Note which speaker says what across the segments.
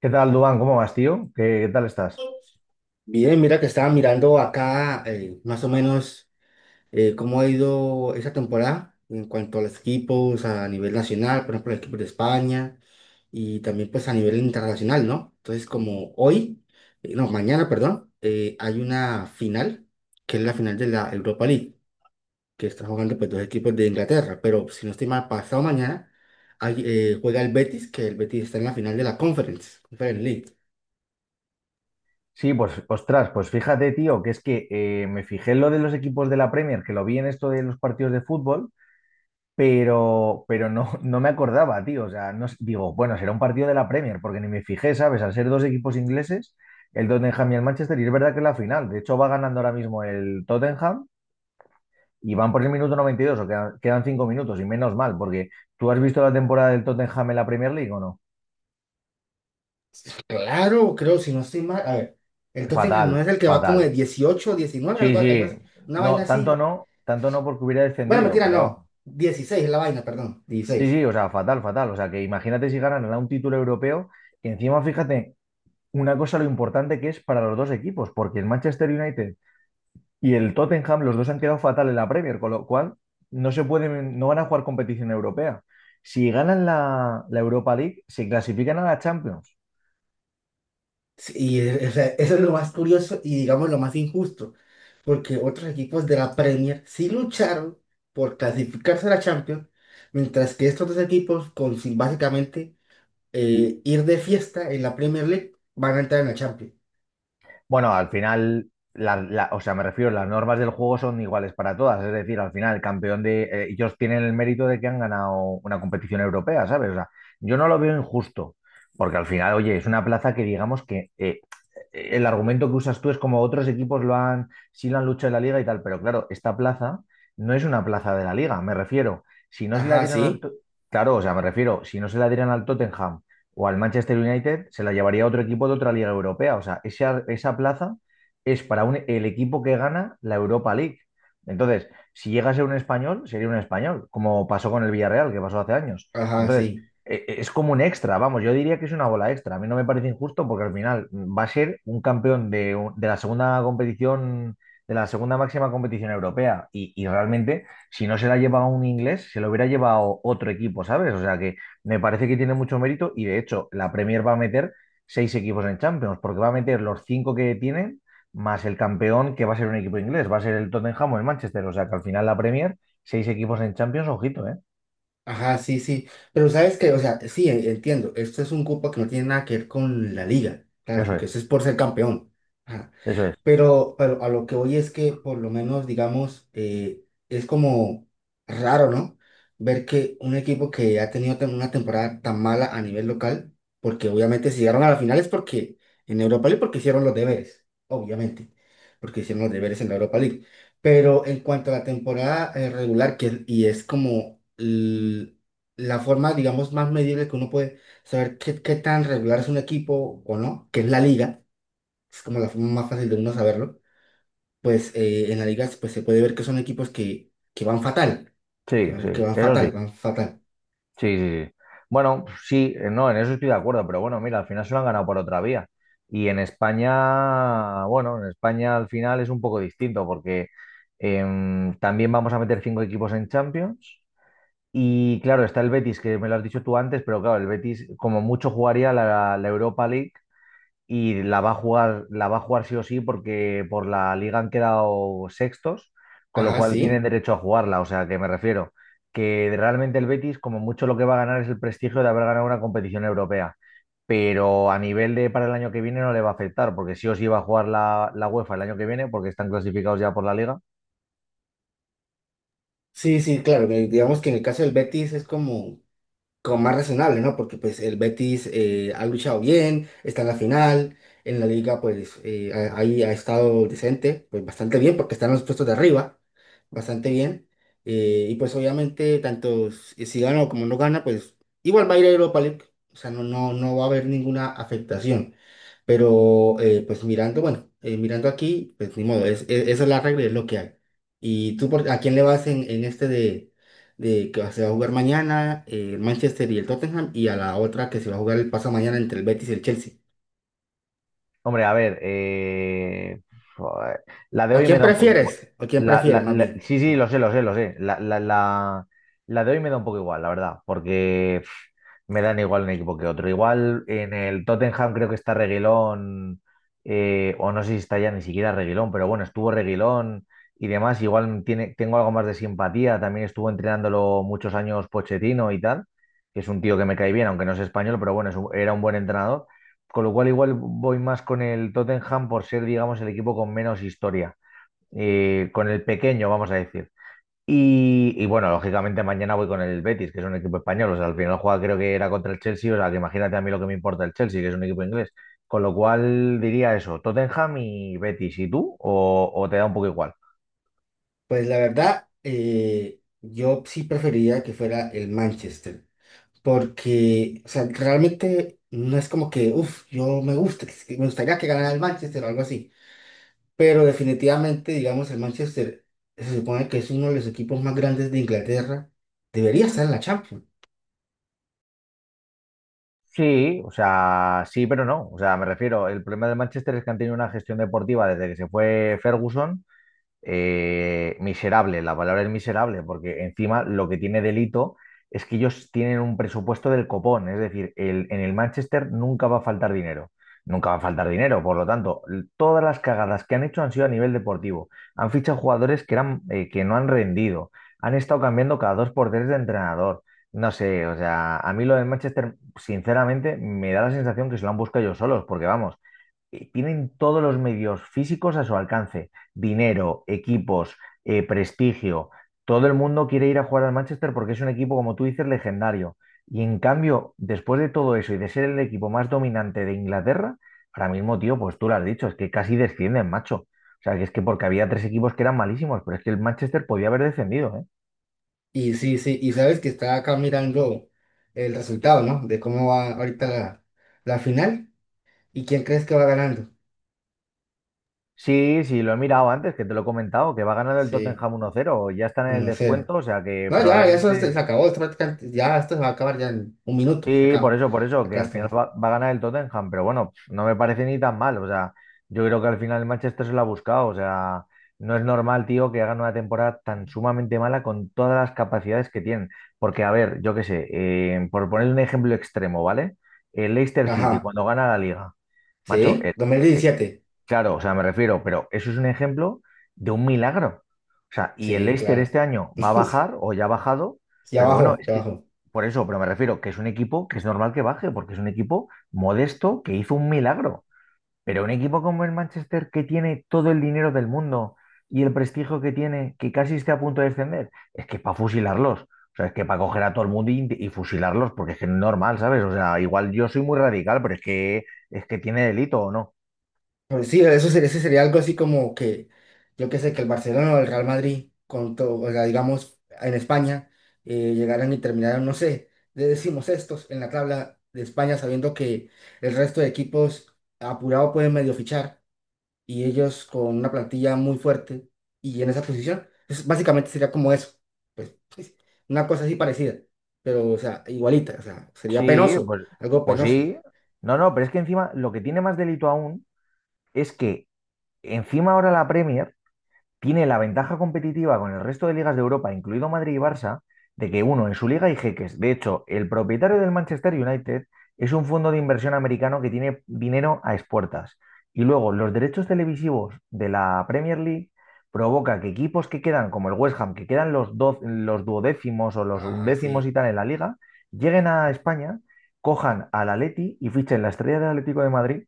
Speaker 1: ¿Qué tal, Dubán? ¿Cómo vas, tío? ¿Qué tal estás?
Speaker 2: Bien, mira que estaba mirando acá, más o menos, cómo ha ido esa temporada en cuanto a los equipos a nivel nacional, por ejemplo, el equipo de España, y también, pues, a nivel internacional, ¿no? Entonces, como hoy, no, mañana, perdón, hay una final, que es la final de la Europa League, que están jugando, pues, dos equipos de Inglaterra, pero, si no estoy mal, pasado mañana hay, juega el Betis, que el Betis está en la final de la Conference, Conference League.
Speaker 1: Sí, pues, ostras, pues fíjate, tío, que es que me fijé en lo de los equipos de la Premier, que lo vi en esto de los partidos de fútbol, pero no me acordaba, tío. O sea, no, digo, bueno, será un partido de la Premier, porque ni me fijé, ¿sabes? Al ser dos equipos ingleses, el Tottenham y el Manchester, y es verdad que es la final. De hecho, va ganando ahora mismo el Tottenham y van por el minuto 92, o quedan 5 minutos, y menos mal, porque ¿tú has visto la temporada del Tottenham en la Premier League o no?
Speaker 2: Claro, creo, si no estoy mal. A ver, el Tottenham no
Speaker 1: Fatal,
Speaker 2: es el que va como de
Speaker 1: fatal.
Speaker 2: 18, 19
Speaker 1: Sí,
Speaker 2: algo, algo
Speaker 1: sí,
Speaker 2: así. Una vaina
Speaker 1: no, tanto
Speaker 2: así.
Speaker 1: no, tanto no porque hubiera
Speaker 2: Bueno,
Speaker 1: descendido,
Speaker 2: mentira,
Speaker 1: pero vamos.
Speaker 2: no. 16 es la vaina, perdón.
Speaker 1: Sí,
Speaker 2: 16.
Speaker 1: sí, o sea, fatal, fatal. O sea, que imagínate si ganan a un título europeo, que encima, fíjate, una cosa lo importante que es para los dos equipos, porque el Manchester United y el Tottenham, los dos han quedado fatal en la Premier, con lo cual no se pueden, no van a jugar competición europea. Si ganan la Europa League, se clasifican a la Champions.
Speaker 2: Sí, y o sea, eso es lo más curioso y, digamos, lo más injusto, porque otros equipos de la Premier sí lucharon por clasificarse a la Champions, mientras que estos dos equipos, con sin básicamente ir de fiesta en la Premier League, van a entrar en la Champions.
Speaker 1: Bueno, al final, o sea, me refiero, las normas del juego son iguales para todas. Es decir, al final, el campeón de. Ellos tienen el mérito de que han ganado una competición europea, ¿sabes? O sea, yo no lo veo injusto, porque al final, oye, es una plaza que digamos que el argumento que usas tú es como otros equipos lo han, sí lo han luchado en la liga y tal, pero claro, esta plaza no es una plaza de la liga, me refiero. Si no se la
Speaker 2: Ajá,
Speaker 1: dieran al.
Speaker 2: sí.
Speaker 1: To- Claro, o sea, me refiero, si no se la dieran al Tottenham o al Manchester United, se la llevaría a otro equipo de otra liga europea. O sea, esa plaza es para el equipo que gana la Europa League. Entonces, si llega a ser un español, sería un español, como pasó con el Villarreal, que pasó hace años.
Speaker 2: Ajá,
Speaker 1: Entonces,
Speaker 2: sí.
Speaker 1: es como un extra, vamos, yo diría que es una bola extra. A mí no me parece injusto porque al final va a ser un campeón de, de la segunda competición, de la segunda máxima competición europea. Y realmente, si no se la lleva un inglés, se lo hubiera llevado otro equipo, ¿sabes? O sea que me parece que tiene mucho mérito y de hecho la Premier va a meter seis equipos en Champions, porque va a meter los cinco que tienen más el campeón que va a ser un equipo inglés, va a ser el Tottenham o el Manchester. O sea que al final la Premier, seis equipos en Champions, ojito, ¿eh?
Speaker 2: Ajá, sí, sí. Pero sabes que, o sea, sí, entiendo. Esto es un cupo que no tiene nada que ver con la liga. Claro,
Speaker 1: Eso
Speaker 2: porque
Speaker 1: es,
Speaker 2: eso es por ser campeón.
Speaker 1: eso es.
Speaker 2: Pero, a lo que voy es que, por lo menos, digamos, es como raro, ¿no? Ver que un equipo que ha tenido una temporada tan mala a nivel local, porque, obviamente, si llegaron a la final es porque en Europa League, porque hicieron los deberes, obviamente, porque hicieron los deberes en la Europa League. Pero, en cuanto a la temporada, regular, y es como la forma, digamos, más medible que uno puede saber qué, qué tan regular es un equipo o no, que es la liga, es como la forma más fácil de uno saberlo, pues, en la liga, pues, se puede ver que son equipos que, van fatal, que,
Speaker 1: Sí, sí,
Speaker 2: van que van
Speaker 1: eso sí.
Speaker 2: fatal, van fatal.
Speaker 1: Sí, sí, sí. Bueno, sí, no, en eso estoy de acuerdo, pero bueno, mira, al final se lo han ganado por otra vía. Y en España, bueno, en España al final es un poco distinto porque también vamos a meter cinco equipos en Champions. Y claro, está el Betis, que me lo has dicho tú antes, pero claro, el Betis como mucho jugaría la Europa League y la va a jugar, la va a jugar sí o sí porque por la liga han quedado sextos, con lo
Speaker 2: Ajá,
Speaker 1: cual tienen
Speaker 2: sí.
Speaker 1: derecho a jugarla. O sea, que me refiero que realmente el Betis como mucho lo que va a ganar es el prestigio de haber ganado una competición europea, pero a nivel de para el año que viene no le va a afectar porque sí o sí va a jugar la UEFA el año que viene porque están clasificados ya por la liga.
Speaker 2: Sí, sí, claro, que, digamos, que en el caso del Betis es como, como más razonable, ¿no? Porque, pues, el Betis, ha luchado bien, está en la final, en la liga, pues, ahí ha estado decente, pues bastante bien, porque están en los puestos de arriba, bastante bien. Y, pues, obviamente, tanto si gana o como no gana, pues igual va a ir a Europa League, o sea, no, no va a haber ninguna afectación. Pero, pues mirando, bueno, mirando aquí, pues ni modo, es, esa es la regla, es lo que hay. ¿Y tú por, a quién le vas en este de que se va a jugar mañana, el Manchester y el Tottenham, y a la otra que se va a jugar el paso mañana entre el Betis y el Chelsea?
Speaker 1: Hombre, a ver, joder, la de
Speaker 2: ¿O
Speaker 1: hoy me
Speaker 2: quién
Speaker 1: da un poco
Speaker 2: prefieres?
Speaker 1: igual.
Speaker 2: ¿O quién
Speaker 1: La,
Speaker 2: prefieres,
Speaker 1: la-
Speaker 2: más
Speaker 1: la-
Speaker 2: bien?
Speaker 1: sí,
Speaker 2: Ajá.
Speaker 1: sí, lo sé, lo sé, lo sé. La de hoy me da un poco igual, la verdad, porque pf, me dan igual un equipo que otro. Igual en el Tottenham creo que está Reguilón, o no sé si está ya ni siquiera Reguilón, pero bueno, estuvo Reguilón y demás. Igual tiene, tengo algo más de simpatía. También estuvo entrenándolo muchos años Pochettino y tal, que es un tío que me cae bien, aunque no es español, pero bueno, es era un buen entrenador. Con lo cual igual voy más con el Tottenham por ser, digamos, el equipo con menos historia, con el pequeño, vamos a decir. Y, bueno, lógicamente mañana voy con el Betis, que es un equipo español. O sea, al final juega creo que era contra el Chelsea, o sea, que imagínate a mí lo que me importa el Chelsea, que es un equipo inglés. Con lo cual diría eso, Tottenham y Betis, ¿y tú? ¿O te da un poco igual?
Speaker 2: Pues, la verdad, yo sí preferiría que fuera el Manchester, porque, o sea, realmente no es como que, uff, yo me gusta, es que me gustaría que ganara el Manchester o algo así. Pero, definitivamente, digamos, el Manchester se supone que es uno de los equipos más grandes de Inglaterra. Debería estar en la Champions.
Speaker 1: Sí, o sea, sí, pero no. O sea, me refiero, el problema del Manchester es que han tenido una gestión deportiva desde que se fue Ferguson miserable, la palabra es miserable, porque encima lo que tiene delito es que ellos tienen un presupuesto del copón, es decir, en el Manchester nunca va a faltar dinero, nunca va a faltar dinero, por lo tanto, todas las cagadas que han hecho han sido a nivel deportivo, han fichado jugadores que, eran, que no han rendido, han estado cambiando cada dos por tres de entrenador. No sé, o sea, a mí lo del Manchester, sinceramente, me da la sensación que se lo han buscado ellos solos, porque vamos, tienen todos los medios físicos a su alcance, dinero, equipos, prestigio. Todo el mundo quiere ir a jugar al Manchester porque es un equipo, como tú dices, legendario. Y en cambio, después de todo eso y de ser el equipo más dominante de Inglaterra, ahora mismo, tío, pues tú lo has dicho, es que casi descienden, macho. O sea, que es que porque había tres equipos que eran malísimos, pero es que el Manchester podía haber descendido, ¿eh?
Speaker 2: Y sí, sí, y sabes que está acá mirando el resultado, ¿no? De cómo va ahorita la, la final y quién crees que va ganando.
Speaker 1: Sí, sí, lo he mirado antes, que te lo he comentado, que va ganando el
Speaker 2: Sí,
Speaker 1: Tottenham 1-0, ya están en el
Speaker 2: 1-0.
Speaker 1: descuento, o sea que
Speaker 2: No, ya, ya eso se, se
Speaker 1: probablemente.
Speaker 2: acabó, esto prácticamente- ya esto se va a acabar ya en un minuto, se
Speaker 1: Sí,
Speaker 2: acaba.
Speaker 1: por eso, que
Speaker 2: Acá
Speaker 1: al final
Speaker 2: está.
Speaker 1: va a ganar el Tottenham, pero bueno, pf, no me parece ni tan mal. O sea, yo creo que al final el Manchester se lo ha buscado. O sea, no es normal, tío, que hagan una temporada tan sumamente mala con todas las capacidades que tienen. Porque, a ver, yo qué sé, por poner un ejemplo extremo, ¿vale? El Leicester City,
Speaker 2: Ajá,
Speaker 1: cuando gana la liga, macho,
Speaker 2: sí, 2017.
Speaker 1: claro, o sea, me refiero, pero eso es un ejemplo de un milagro. O sea, y el
Speaker 2: Sí,
Speaker 1: Leicester
Speaker 2: claro.
Speaker 1: este año va a bajar o ya ha bajado,
Speaker 2: Ya
Speaker 1: pero bueno,
Speaker 2: bajó,
Speaker 1: es
Speaker 2: ya
Speaker 1: que
Speaker 2: bajó.
Speaker 1: por eso, pero me refiero que es un equipo que es normal que baje, porque es un equipo modesto que hizo un milagro. Pero un equipo como el Manchester que tiene todo el dinero del mundo y el prestigio que tiene, que casi esté a punto de descender, es que para fusilarlos. O sea, es que para coger a todo el mundo y fusilarlos, porque es que no es normal, ¿sabes? O sea, igual yo soy muy radical, pero es que tiene delito, ¿o no?
Speaker 2: Pues sí, eso sería, ese sería algo así como que, yo qué sé, que el Barcelona o el Real Madrid, con todo, o sea, digamos, en España, llegaran y terminaran, no sé, de decimos estos en la tabla de España, sabiendo que el resto de equipos apurado pueden medio fichar y ellos con una plantilla muy fuerte y en esa posición, es- básicamente sería como eso, pues, una cosa así parecida, pero, o sea, igualita, o sea, sería
Speaker 1: Sí,
Speaker 2: penoso,
Speaker 1: pues,
Speaker 2: algo
Speaker 1: pues
Speaker 2: penoso.
Speaker 1: sí. No, no, pero es que encima lo que tiene más delito aún es que encima ahora la Premier tiene la ventaja competitiva con el resto de ligas de Europa, incluido Madrid y Barça, de que uno, en su liga hay jeques. De hecho, el propietario del Manchester United es un fondo de inversión americano que tiene dinero a expuertas. Y luego, los derechos televisivos de la Premier League provoca que equipos que quedan, como el West Ham, que quedan los duodécimos o los
Speaker 2: Ajá,
Speaker 1: undécimos y
Speaker 2: sí.
Speaker 1: tal en la liga, lleguen a España, cojan al Atleti y fichen la estrella del Atlético de Madrid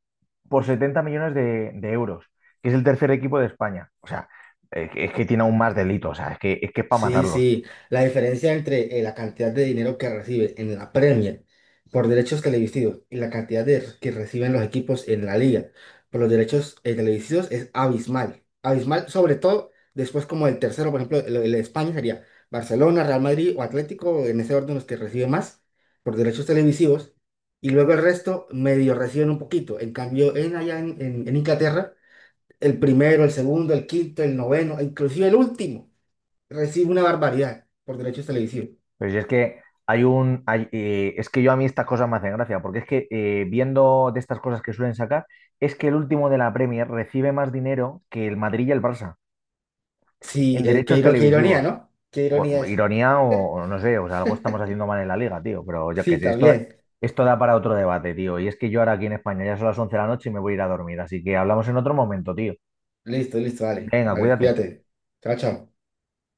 Speaker 1: por 70 millones de euros, que es el tercer equipo de España. O sea, es que tiene aún más delitos, o sea, es que para
Speaker 2: Sí,
Speaker 1: matarlos.
Speaker 2: sí, la diferencia entre, la cantidad de dinero que recibe en la Premier por derechos televisivos y la cantidad de, que reciben los equipos en la liga por los derechos, televisivos, es abismal. Abismal, sobre todo, después, como el tercero, por ejemplo, el de España sería Barcelona, Real Madrid o Atlético, en ese orden los que recibe más por derechos televisivos, y luego el resto medio reciben un poquito. En cambio, en allá en en Inglaterra, el primero, el segundo, el quinto, el noveno, e inclusive el último recibe una barbaridad por derechos televisivos.
Speaker 1: Pero si es que es que yo a mí estas cosas me hacen gracia, porque es que viendo de estas cosas que suelen sacar, es que el último de la Premier recibe más dinero que el Madrid y el Barça
Speaker 2: Sí,
Speaker 1: en
Speaker 2: qué,
Speaker 1: derechos
Speaker 2: qué ironía,
Speaker 1: televisivos.
Speaker 2: ¿no? Qué ironía
Speaker 1: Jo-
Speaker 2: eso.
Speaker 1: ironía o no sé, o sea, algo estamos haciendo mal en la liga, tío, pero yo qué
Speaker 2: Sí,
Speaker 1: sé, esto,
Speaker 2: también.
Speaker 1: esto da para otro debate, tío. Y es que yo ahora aquí en España ya son las 11 de la noche y me voy a ir a dormir, así que hablamos en otro momento, tío.
Speaker 2: Listo, listo, vale.
Speaker 1: Venga,
Speaker 2: Vale,
Speaker 1: cuídate.
Speaker 2: cuídate. Chao, chao.